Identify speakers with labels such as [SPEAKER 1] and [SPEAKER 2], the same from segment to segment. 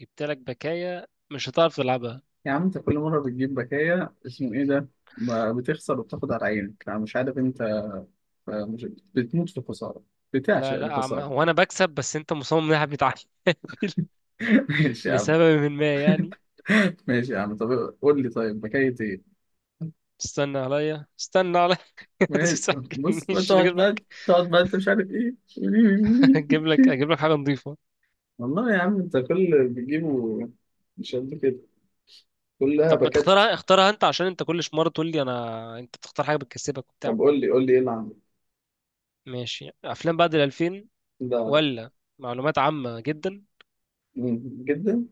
[SPEAKER 1] جبت لك بكاية مش هتعرف تلعبها.
[SPEAKER 2] يا عم انت كل مرة بتجيب بكاية اسمه ايه ده؟ ما بتخسر وبتاخد على عينك. انا مش عارف، انت مش بتموت في الخسارة؟ بتعشق
[SPEAKER 1] لا عم...
[SPEAKER 2] الخسارة.
[SPEAKER 1] وانا بكسب، بس انت مصمم ناحية بيتعادل.
[SPEAKER 2] ماشي يا عم.
[SPEAKER 1] لسبب ما يعني.
[SPEAKER 2] ماشي يا عم، طب قول لي، طيب بكاية ايه؟
[SPEAKER 1] استنى عليا. ما
[SPEAKER 2] ماشي، بص،
[SPEAKER 1] تسحبنيش، انا
[SPEAKER 2] تقعد
[SPEAKER 1] اجيب
[SPEAKER 2] بقى.
[SPEAKER 1] لك
[SPEAKER 2] تقعد بقى انت مش عارف ايه.
[SPEAKER 1] اجيب لك حاجة نظيفة.
[SPEAKER 2] والله يا عم انت كل اللي بتجيبه مش قد كده، كلها
[SPEAKER 1] طب ما
[SPEAKER 2] باكات.
[SPEAKER 1] تختارها، اختارها انت عشان انت كل مرة تقول لي انا، انت بتختار حاجة بتكسبك وبتاع.
[SPEAKER 2] طب قول لي ايه اللي عندك.
[SPEAKER 1] ماشي، افلام بعد ال 2000،
[SPEAKER 2] لا لا.
[SPEAKER 1] ولا معلومات عامة جدا،
[SPEAKER 2] مم. جدا،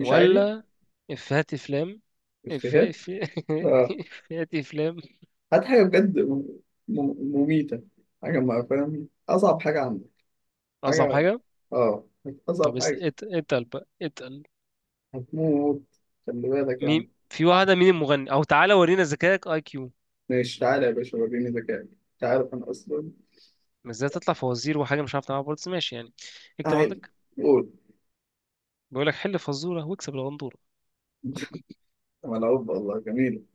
[SPEAKER 2] مش عادي.
[SPEAKER 1] افيهات افلام.
[SPEAKER 2] افيهات.
[SPEAKER 1] افيهات
[SPEAKER 2] آه.
[SPEAKER 1] افيهات افلام.
[SPEAKER 2] هات حاجة بجد، مميتة. حاجة، ما فاهم أصعب حاجة عندك.
[SPEAKER 1] اصعب
[SPEAKER 2] حاجة.
[SPEAKER 1] حاجة.
[SPEAKER 2] آه
[SPEAKER 1] طب
[SPEAKER 2] أصعب حاجة.
[SPEAKER 1] اتقل بقى اتقل.
[SPEAKER 2] هتموت، خلي بالك يعني.
[SPEAKER 1] مين في واحدة، مين المغني؟ أو تعالى ورينا ذكائك، أي كيو.
[SPEAKER 2] ماشي، تعالى يا باشا وريني ذكائك. أنت عارف أنا أصلا.
[SPEAKER 1] بس ازاي تطلع فوازير وحاجة مش عارف تعملها برضه، بس ماشي يعني. اكتب
[SPEAKER 2] تعالى،
[SPEAKER 1] عندك.
[SPEAKER 2] قول.
[SPEAKER 1] بيقول لك حل فزورة واكسب الغندورة.
[SPEAKER 2] ملعوب والله، جميل.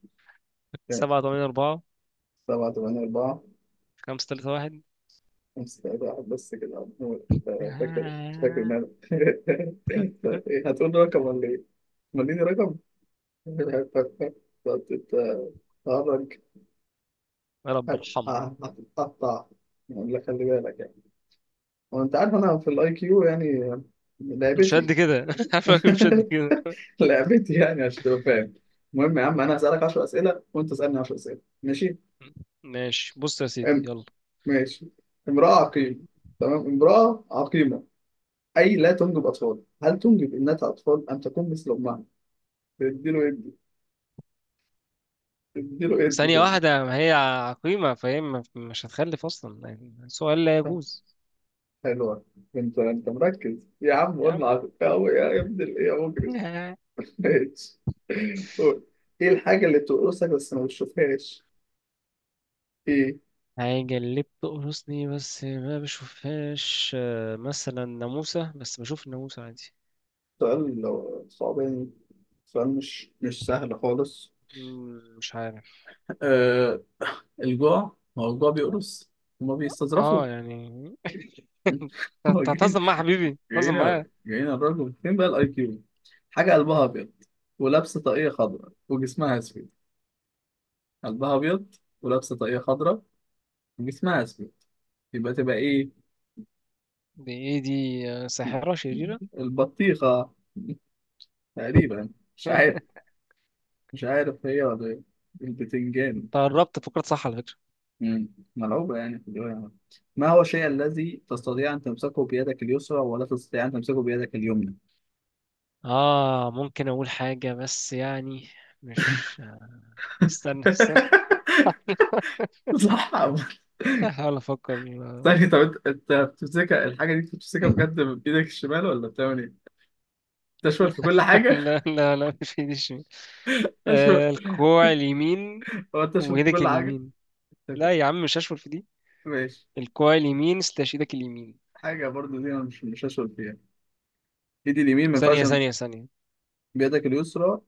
[SPEAKER 2] ماشي.
[SPEAKER 1] سبعة تمانية أربعة.
[SPEAKER 2] 7 8 4.
[SPEAKER 1] خمسة تلاتة واحد.
[SPEAKER 2] 5 3 1. بس كده عمور. أنت فاكر؟ فاكر مالك؟ أنت إيه، هتقول لي رقم ولا إيه؟ مديني رقم. هتتهرج.
[SPEAKER 1] يا رب ارحمها.
[SPEAKER 2] هتتقطع، ولا خلي بالك يعني. وانت عارف انا في الاي كيو، يعني
[SPEAKER 1] مش قد
[SPEAKER 2] لعبتي.
[SPEAKER 1] كده. عارفك مش قد كده.
[SPEAKER 2] لعبتي يعني، عشان تبقى فاهم. المهم يا عم، انا هسألك 10 اسئله وانت اسألني 10 اسئله، ماشي؟
[SPEAKER 1] ماشي، بص يا سيدي،
[SPEAKER 2] أم.
[SPEAKER 1] يلا.
[SPEAKER 2] ماشي. امرأة عقيمة. تمام، امرأة عقيمة. اي لا تنجب اطفال، هل تنجب ابنتها اطفال ام تكون مثل امها؟ اديله ادي. اديله ادي في
[SPEAKER 1] ثانية واحدة، ما هي عقيمة فهي مش هتخلف أصلا، يعني سؤال لا يجوز.
[SPEAKER 2] حلوة. انت مركز يا عم،
[SPEAKER 1] يا
[SPEAKER 2] قلنا
[SPEAKER 1] عم
[SPEAKER 2] عقيمة، يا ابن الايه يا مجرم. ماشي، قول. ايه الحاجة اللي بتقرصك بس ما بتشوفهاش؟ ايه؟
[SPEAKER 1] حاجة اللي بتقرصني بس ما بشوفهاش، آه، مثلا ناموسة، بس بشوف الناموسة عادي.
[SPEAKER 2] سؤال صعباني. سؤال مش سهل خالص.
[SPEAKER 1] مش عارف.
[SPEAKER 2] آه. الجوع، ما هو الجوع بيقرص. هما بيستظرفوا.
[SPEAKER 1] اه يعني.
[SPEAKER 2] هو
[SPEAKER 1] انت
[SPEAKER 2] جايين.
[SPEAKER 1] هتهزم معايا يا حبيبي، هتهزم معايا.
[SPEAKER 2] جايين على الراجل، فين بقى الاي كيو؟ حاجة قلبها أبيض ولابسة طاقية خضراء وجسمها أسود. قلبها أبيض ولابسة طاقية خضراء وجسمها أسود، يبقى تبقى إيه؟
[SPEAKER 1] دي ايه دي؟ آه، ساحرة شريرة.
[SPEAKER 2] البطيخة تقريبا. مش عارف. مش عارف هي ولا إيه. البتنجان.
[SPEAKER 1] انت قربت فكرة، صح على فكرة.
[SPEAKER 2] مم. ملعوبة يعني في الرواية. ما هو الشيء الذي تستطيع أن تمسكه بيدك اليسرى ولا تستطيع أن تمسكه بيدك اليمنى؟
[SPEAKER 1] اه ممكن اقول حاجة بس يعني مش استنى.
[SPEAKER 2] صح.
[SPEAKER 1] هحاول افكر. آه،
[SPEAKER 2] ثاني، طب انت بتمسكها الحاجة دي بتمسكها بجد بإيدك الشمال ولا بتعمل إيه؟ تشمل في كل حاجة؟
[SPEAKER 1] لا مش في دي الشمال.
[SPEAKER 2] أشمل.
[SPEAKER 1] آه، الكوع اليمين
[SPEAKER 2] هو تشمل في
[SPEAKER 1] ويدك
[SPEAKER 2] كل حاجة؟
[SPEAKER 1] اليمين. لا
[SPEAKER 2] طيب.
[SPEAKER 1] يا عم مش هشمل في دي.
[SPEAKER 2] ماشي.
[SPEAKER 1] الكوع اليمين، استشهدك اليمين.
[SPEAKER 2] حاجة برضو دي أنا مش هسأل فيها. إيدي اليمين ما ينفعش
[SPEAKER 1] ثانية ثانية ثانية
[SPEAKER 2] بيدك اليسرى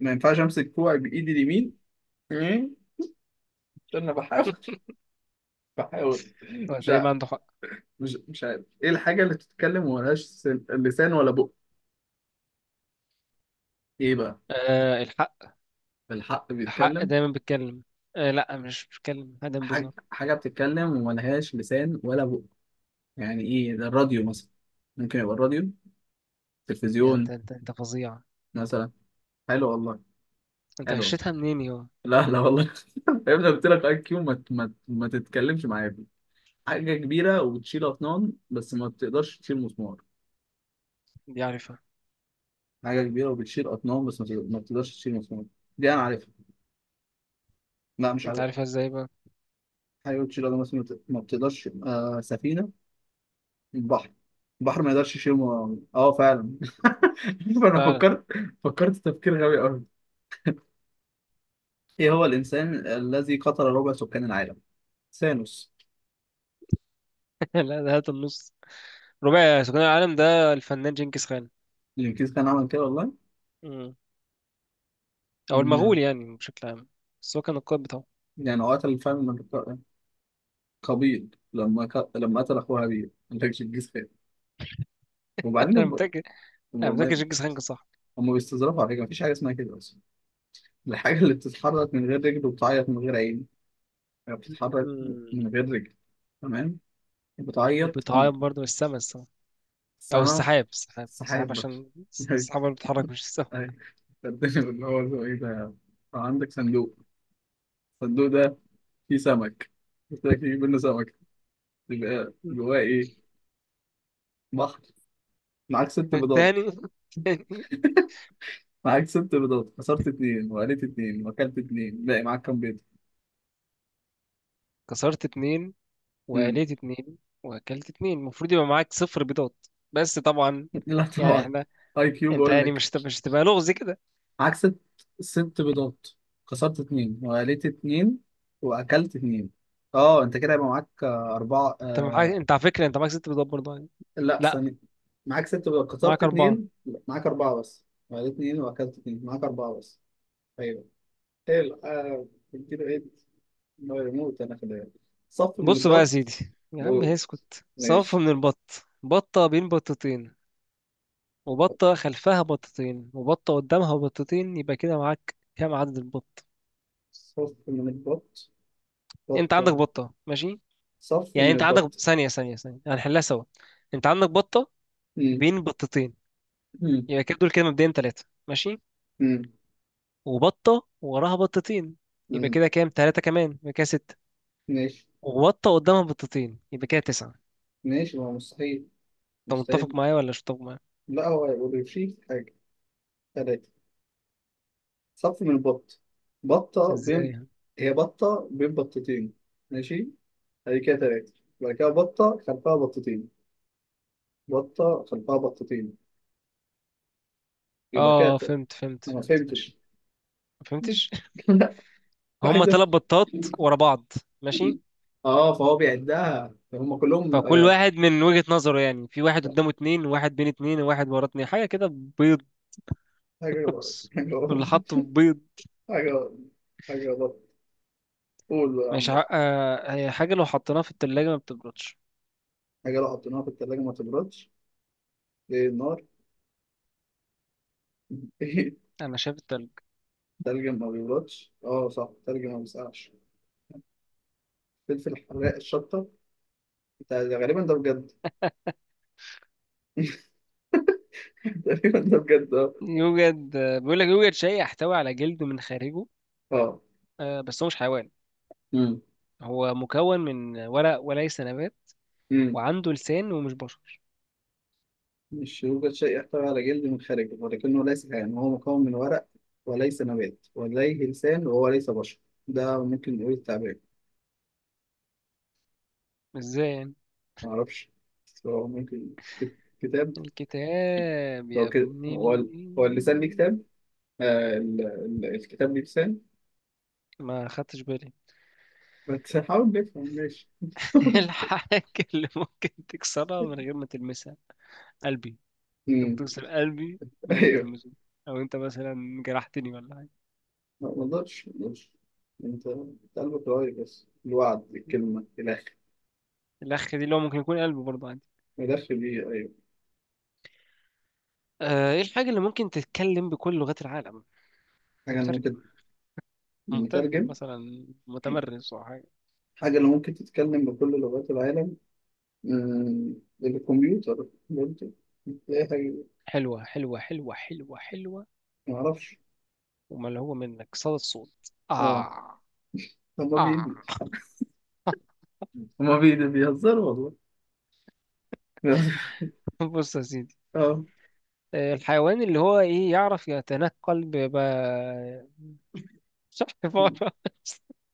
[SPEAKER 2] ما ينفعش أمسك كوعي بإيدي اليمين. مين؟ استنى، بحاول. بحاول.
[SPEAKER 1] هو
[SPEAKER 2] مش
[SPEAKER 1] تقريبا
[SPEAKER 2] ع...
[SPEAKER 1] عنده حق.
[SPEAKER 2] مش مش عارف ايه الحاجة اللي بتتكلم وملهاش لسان ولا بق. ايه بقى؟
[SPEAKER 1] آه، الحق.
[SPEAKER 2] بالحق
[SPEAKER 1] الحق
[SPEAKER 2] بيتكلم.
[SPEAKER 1] دايما بيتكلم. آه لا، مش بيتكلم دايما،
[SPEAKER 2] حاجة
[SPEAKER 1] بيظهر.
[SPEAKER 2] حاجة بتتكلم وملهاش لسان ولا بق، يعني ايه ده؟ الراديو مثلا. ممكن يبقى الراديو.
[SPEAKER 1] يعني انت
[SPEAKER 2] تلفزيون
[SPEAKER 1] انت انت فظيع. انت
[SPEAKER 2] مثلا. حلو والله.
[SPEAKER 1] انت
[SPEAKER 2] حلو والله.
[SPEAKER 1] غشيتها منين يا؟
[SPEAKER 2] لا لا والله. يا ابني قلت لك اي كيو، ما تتكلمش معايا فيه. حاجة كبيرة وبتشيل أطنان بس ما بتقدرش تشيل مسمار.
[SPEAKER 1] دي عارفها.
[SPEAKER 2] حاجة كبيرة وبتشيل أطنان بس ما بتقدرش تشيل مسمار. دي أنا عارفها. لا مش
[SPEAKER 1] انت
[SPEAKER 2] عارف.
[SPEAKER 1] عارفها ازاي بقى؟
[SPEAKER 2] حاجة بتشيل أجناس ما بتقدرش. سفينة. البحر. البحر ما يقدرش يشيل اه فعلا. فأنا
[SPEAKER 1] فعلا.
[SPEAKER 2] فكرت. فكرت تفكير غبي أوي. إيه هو الإنسان الذي قتل ربع سكان العالم؟ ثانوس.
[SPEAKER 1] لا، ده هات النص. رباعي سكان العالم، ده الفنان جنكيز خان.
[SPEAKER 2] الإنجليز كان عمل كده والله.
[SPEAKER 1] مم. او
[SPEAKER 2] إن.
[SPEAKER 1] المغول يعني بشكل عام، بس هو كان القائد بتاعه.
[SPEAKER 2] يعني هو قتل فعلا قابيل لما قتل أخوه هابيل، ما كانش الجيز خير. وبعدين
[SPEAKER 1] انا متاكد، انا
[SPEAKER 2] هم
[SPEAKER 1] متاكد جنكيز خان كان صح.
[SPEAKER 2] هم بيستظرفوا على فكرة، مفيش حاجة اسمها كده أصلا. الحاجة اللي بتتحرك من غير رجل وبتعيط من غير عين. يعني بتتحرك من
[SPEAKER 1] مم.
[SPEAKER 2] غير رجل، تمام، بتعيط.
[SPEAKER 1] وبيتعاقب برضه من السمس. او
[SPEAKER 2] السما.
[SPEAKER 1] السحاب، السحاب
[SPEAKER 2] السحاب بقى.
[SPEAKER 1] عشان
[SPEAKER 2] أيوة.
[SPEAKER 1] السحاب اللي بتتحرك، مش السحاب.
[SPEAKER 2] أيوة. الدنيا اللي هو اسمه ايه ده. آه، عندك صندوق. الصندوق ده فيه سمك. قلت لك فيه منه سمك، يبقى جواه ايه؟ بحر. معاك ست بيضات.
[SPEAKER 1] تاني، تاني.
[SPEAKER 2] معاك ست بيضات، كسرت اتنين وقليت اتنين واكلت اتنين، باقي معاك كام بيضة؟
[SPEAKER 1] كسرت اتنين
[SPEAKER 2] مم.
[SPEAKER 1] وقليت اتنين واكلت اتنين، المفروض يبقى معاك صفر بيضات، بس طبعا
[SPEAKER 2] لا
[SPEAKER 1] يعني
[SPEAKER 2] طبعا.
[SPEAKER 1] احنا.
[SPEAKER 2] اي كيو
[SPEAKER 1] انت
[SPEAKER 2] بقول
[SPEAKER 1] يعني
[SPEAKER 2] لك.
[SPEAKER 1] مش هتبقى لغز كده.
[SPEAKER 2] معاك ست. ست بيضات، كسرت اتنين وقليت اتنين واكلت اتنين. اه انت كده يبقى معاك اربعة
[SPEAKER 1] انت معاك، انت على فكره، انت معاك ست بيضات برضه يعني.
[SPEAKER 2] لا،
[SPEAKER 1] لا،
[SPEAKER 2] ثانية. معاك ست بقى، كسرت
[SPEAKER 1] معاك اربعه.
[SPEAKER 2] اتنين، لا، معاك أربعة، بس معاك اتنين وأكلت اتنين، معاك أربعة بس. أيوه. إيه ال- آه، كده إيه؟ ما يموت أنا في ده. صف من
[SPEAKER 1] بص بقى يا
[SPEAKER 2] البط.
[SPEAKER 1] سيدي، يا عم
[SPEAKER 2] و-
[SPEAKER 1] اسكت. صف
[SPEAKER 2] ماشي.
[SPEAKER 1] من البط، بطه بين بطتين، وبطه خلفها بطتين، وبطه قدامها بطتين، يبقى كده معاك كام عدد البط؟
[SPEAKER 2] صف من البط.
[SPEAKER 1] انت عندك
[SPEAKER 2] بطة.
[SPEAKER 1] بطه ماشي،
[SPEAKER 2] صف من
[SPEAKER 1] يعني انت عندك
[SPEAKER 2] البط.
[SPEAKER 1] ثانية، هنحلها سوا. انت عندك بطة
[SPEAKER 2] مم.
[SPEAKER 1] بين بطتين،
[SPEAKER 2] مم.
[SPEAKER 1] يبقى كده دول كده مبدئيا ثلاثة ماشي.
[SPEAKER 2] مم.
[SPEAKER 1] وبطة وراها بطتين، يبقى
[SPEAKER 2] مم.
[SPEAKER 1] كده كام؟ ثلاثة كمان، يبقى كده ستة.
[SPEAKER 2] ماشي.
[SPEAKER 1] وبطة قدامها بطتين، يبقى كده تسعة.
[SPEAKER 2] ماشي، ما هو مستحيل.
[SPEAKER 1] انت متفق
[SPEAKER 2] مستحيل.
[SPEAKER 1] معايا ولا مش متفق معايا؟
[SPEAKER 2] لا هو هيقول يشيل حاجة. تلاتة. صف من البط. بطة
[SPEAKER 1] ازاي
[SPEAKER 2] بين.
[SPEAKER 1] يعني؟
[SPEAKER 2] هي بطة بين بطتين. ماشي، هذه كده تلاتة. يبقى كده بطة خلفها بطتين. بطة خلفها بطتين، يبقى كده
[SPEAKER 1] اه
[SPEAKER 2] تلاتة.
[SPEAKER 1] فهمت فهمت
[SPEAKER 2] أنا ما
[SPEAKER 1] فهمت ماشي.
[SPEAKER 2] فهمتش.
[SPEAKER 1] ما فهمتش.
[SPEAKER 2] لا.
[SPEAKER 1] هما
[SPEAKER 2] عايز
[SPEAKER 1] ثلاث بطات
[SPEAKER 2] أفهم.
[SPEAKER 1] ورا بعض. ماشي،
[SPEAKER 2] اه فهو بيعدها هم كلهم
[SPEAKER 1] فكل
[SPEAKER 2] آه.
[SPEAKER 1] واحد من وجهة نظره يعني، في واحد قدامه اتنين، وواحد بين اتنين، وواحد ورا اتنين، حاجة كده. بيض.
[SPEAKER 2] حاجة حاجة
[SPEAKER 1] واللي حاطه بيض.
[SPEAKER 2] حاجة حاجة بط، قول بقى يا عم.
[SPEAKER 1] مش ع... آه... هي حاجة لو حطيناها في التلاجة ما بتبردش.
[SPEAKER 2] حاجة لو حطيناها في التلاجة ما تبردش. ايه، النار؟ ايه؟
[SPEAKER 1] أنا شايف التلج.
[SPEAKER 2] تلج ما بيبردش، اه صح، تلج ما بيسقعش. فلفل، حراق الشطة. ده غالبا ده بجد. تقريبا ده بجد، اه.
[SPEAKER 1] يوجد، آه، بيقول لك يوجد شيء يحتوي على جلد من خارجه،
[SPEAKER 2] اه.
[SPEAKER 1] آه، بس هو مش حيوان،
[SPEAKER 2] امم
[SPEAKER 1] هو مكون من ورق وليس نبات،
[SPEAKER 2] امم
[SPEAKER 1] وعنده لسان ومش بشر.
[SPEAKER 2] مش. يوجد شيء يحتوي على جلد من خارجه ولكنه ليس حيوان وهو مكون من ورق وليس نبات ولديه لسان وهو ليس بشر. ده ممكن نقول التعبير.
[SPEAKER 1] ازاي يعني؟
[SPEAKER 2] معرفش، بس هو ممكن. كت- كتاب.
[SPEAKER 1] الكتاب
[SPEAKER 2] هو
[SPEAKER 1] يا
[SPEAKER 2] كده
[SPEAKER 1] ابن
[SPEAKER 2] هو اللسان ليه
[SPEAKER 1] ال.
[SPEAKER 2] كتاب؟ الكتاب ليه لسان.
[SPEAKER 1] ما خدتش بالي.
[SPEAKER 2] بس حاول نفهم، ماشي.
[SPEAKER 1] الحاجة اللي ممكن تكسرها من غير ما تلمسها. قلبي. انت
[SPEAKER 2] أمم،
[SPEAKER 1] بتكسر قلبي من غير ما
[SPEAKER 2] ايوه.
[SPEAKER 1] تلمسه. او انت مثلا جرحتني ولا حاجة.
[SPEAKER 2] لا، ما اقدرش، ما اقدرش. أنت قلبك رايق، بس الوعد، الكلمة، الأخ.
[SPEAKER 1] الأخ دي اللي هو ممكن يكون قلبي برضه عادي.
[SPEAKER 2] ملف بيه، أيوه.
[SPEAKER 1] آه، ايه الحاجة اللي ممكن تتكلم بكل لغات العالم؟
[SPEAKER 2] حاجة أنا ممكن.
[SPEAKER 1] مترجم. مترجم
[SPEAKER 2] نترجم.
[SPEAKER 1] مثلا متمرس او حاجة.
[SPEAKER 2] حاجة اللي ممكن تتكلم بكل لغات العالم. آه، الكمبيوتر برضه. تلاقي حاجة.
[SPEAKER 1] حلوة.
[SPEAKER 2] معرفش.
[SPEAKER 1] وما اللي هو منك صدى الصوت.
[SPEAKER 2] اه.
[SPEAKER 1] اه.
[SPEAKER 2] هما
[SPEAKER 1] اه.
[SPEAKER 2] بي هما بي بيهزروا والله.
[SPEAKER 1] بص يا سيدي.
[SPEAKER 2] اه،
[SPEAKER 1] آه، الحيوان اللي هو ايه، يعرف يتنقل مش عارف عبارة.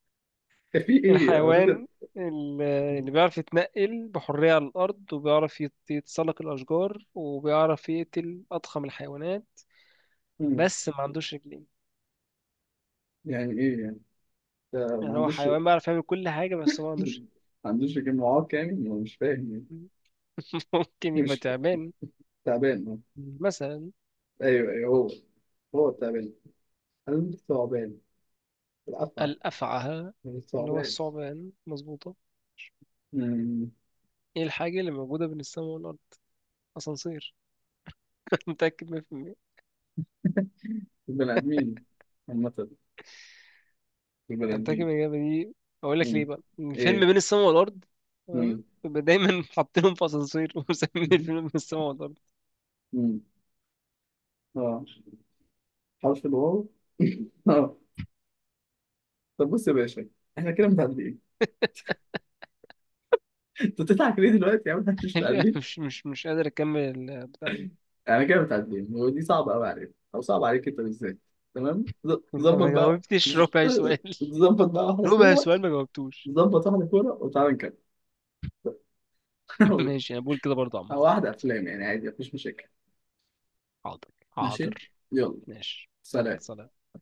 [SPEAKER 2] إيه، في ايه قريت؟
[SPEAKER 1] الحيوان اللي بيعرف يتنقل بحرية على الأرض، وبيعرف يتسلق الأشجار، وبيعرف يقتل أضخم الحيوانات،
[SPEAKER 2] مم.
[SPEAKER 1] بس ما عندوش رجلين.
[SPEAKER 2] يعني ايه يعني؟ ده ما
[SPEAKER 1] يعني هو
[SPEAKER 2] عندوش.
[SPEAKER 1] حيوان بيعرف يعمل كل حاجة بس ما عندوش.
[SPEAKER 2] ما عندوش جمعات، كامل أنا مش فاهم يعني.
[SPEAKER 1] ممكن يبقى
[SPEAKER 2] مش.
[SPEAKER 1] تعبان
[SPEAKER 2] تعبان آه.
[SPEAKER 1] مثلا.
[SPEAKER 2] ايوه ايوه، هو. هو تعبان. قلب تعبان. الافعى.
[SPEAKER 1] الأفعى، اللي هو
[SPEAKER 2] الثعبان.
[SPEAKER 1] الثعبان، مظبوطة.
[SPEAKER 2] مم.
[SPEAKER 1] ايه الحاجة اللي موجودة بين السماء والأرض؟ أسانسير. متأكد 100%.
[SPEAKER 2] البني آدمين، عامة، البني
[SPEAKER 1] أنا متأكد من
[SPEAKER 2] آدمين.
[SPEAKER 1] الإجابة دي. أقول لك ليه
[SPEAKER 2] مم.
[SPEAKER 1] بقى؟ الفيلم
[SPEAKER 2] إيه.
[SPEAKER 1] بين السماء والأرض،
[SPEAKER 2] مم.
[SPEAKER 1] تمام، بيبقى دايما حاطينهم في أسانسير ومسمين الفيلم بين السماء والأرض.
[SPEAKER 2] مم. آه. حرف الواو. آه. طب بص يا باشا، إحنا كده متعادلين. أنت بتضحك ليه دلوقتي يا عم؟ إحنا مش متعادلين.
[SPEAKER 1] مش قادر أكمل البتاع دي.
[SPEAKER 2] إحنا كده متعادلين، ودي صعبة أوي عليك، أو صعبة عليك أنت بالذات. تمام،
[SPEAKER 1] أنت
[SPEAKER 2] ظبط
[SPEAKER 1] ما
[SPEAKER 2] بقى،
[SPEAKER 1] جاوبتش ربع سؤال.
[SPEAKER 2] ظبط بقى واحدة
[SPEAKER 1] ربع
[SPEAKER 2] كورة.
[SPEAKER 1] سؤال ما جاوبتوش.
[SPEAKER 2] ظبط واحدة كورة وتعالى نكمل.
[SPEAKER 1] ماشي، أنا بقول كده برضه عامة.
[SPEAKER 2] أو واحدة أفلام يعني، عادي مفيش مشاكل.
[SPEAKER 1] حاضر،
[SPEAKER 2] ماشي.
[SPEAKER 1] حاضر.
[SPEAKER 2] يلا
[SPEAKER 1] ماشي، يلا،
[SPEAKER 2] سلام.
[SPEAKER 1] سلام.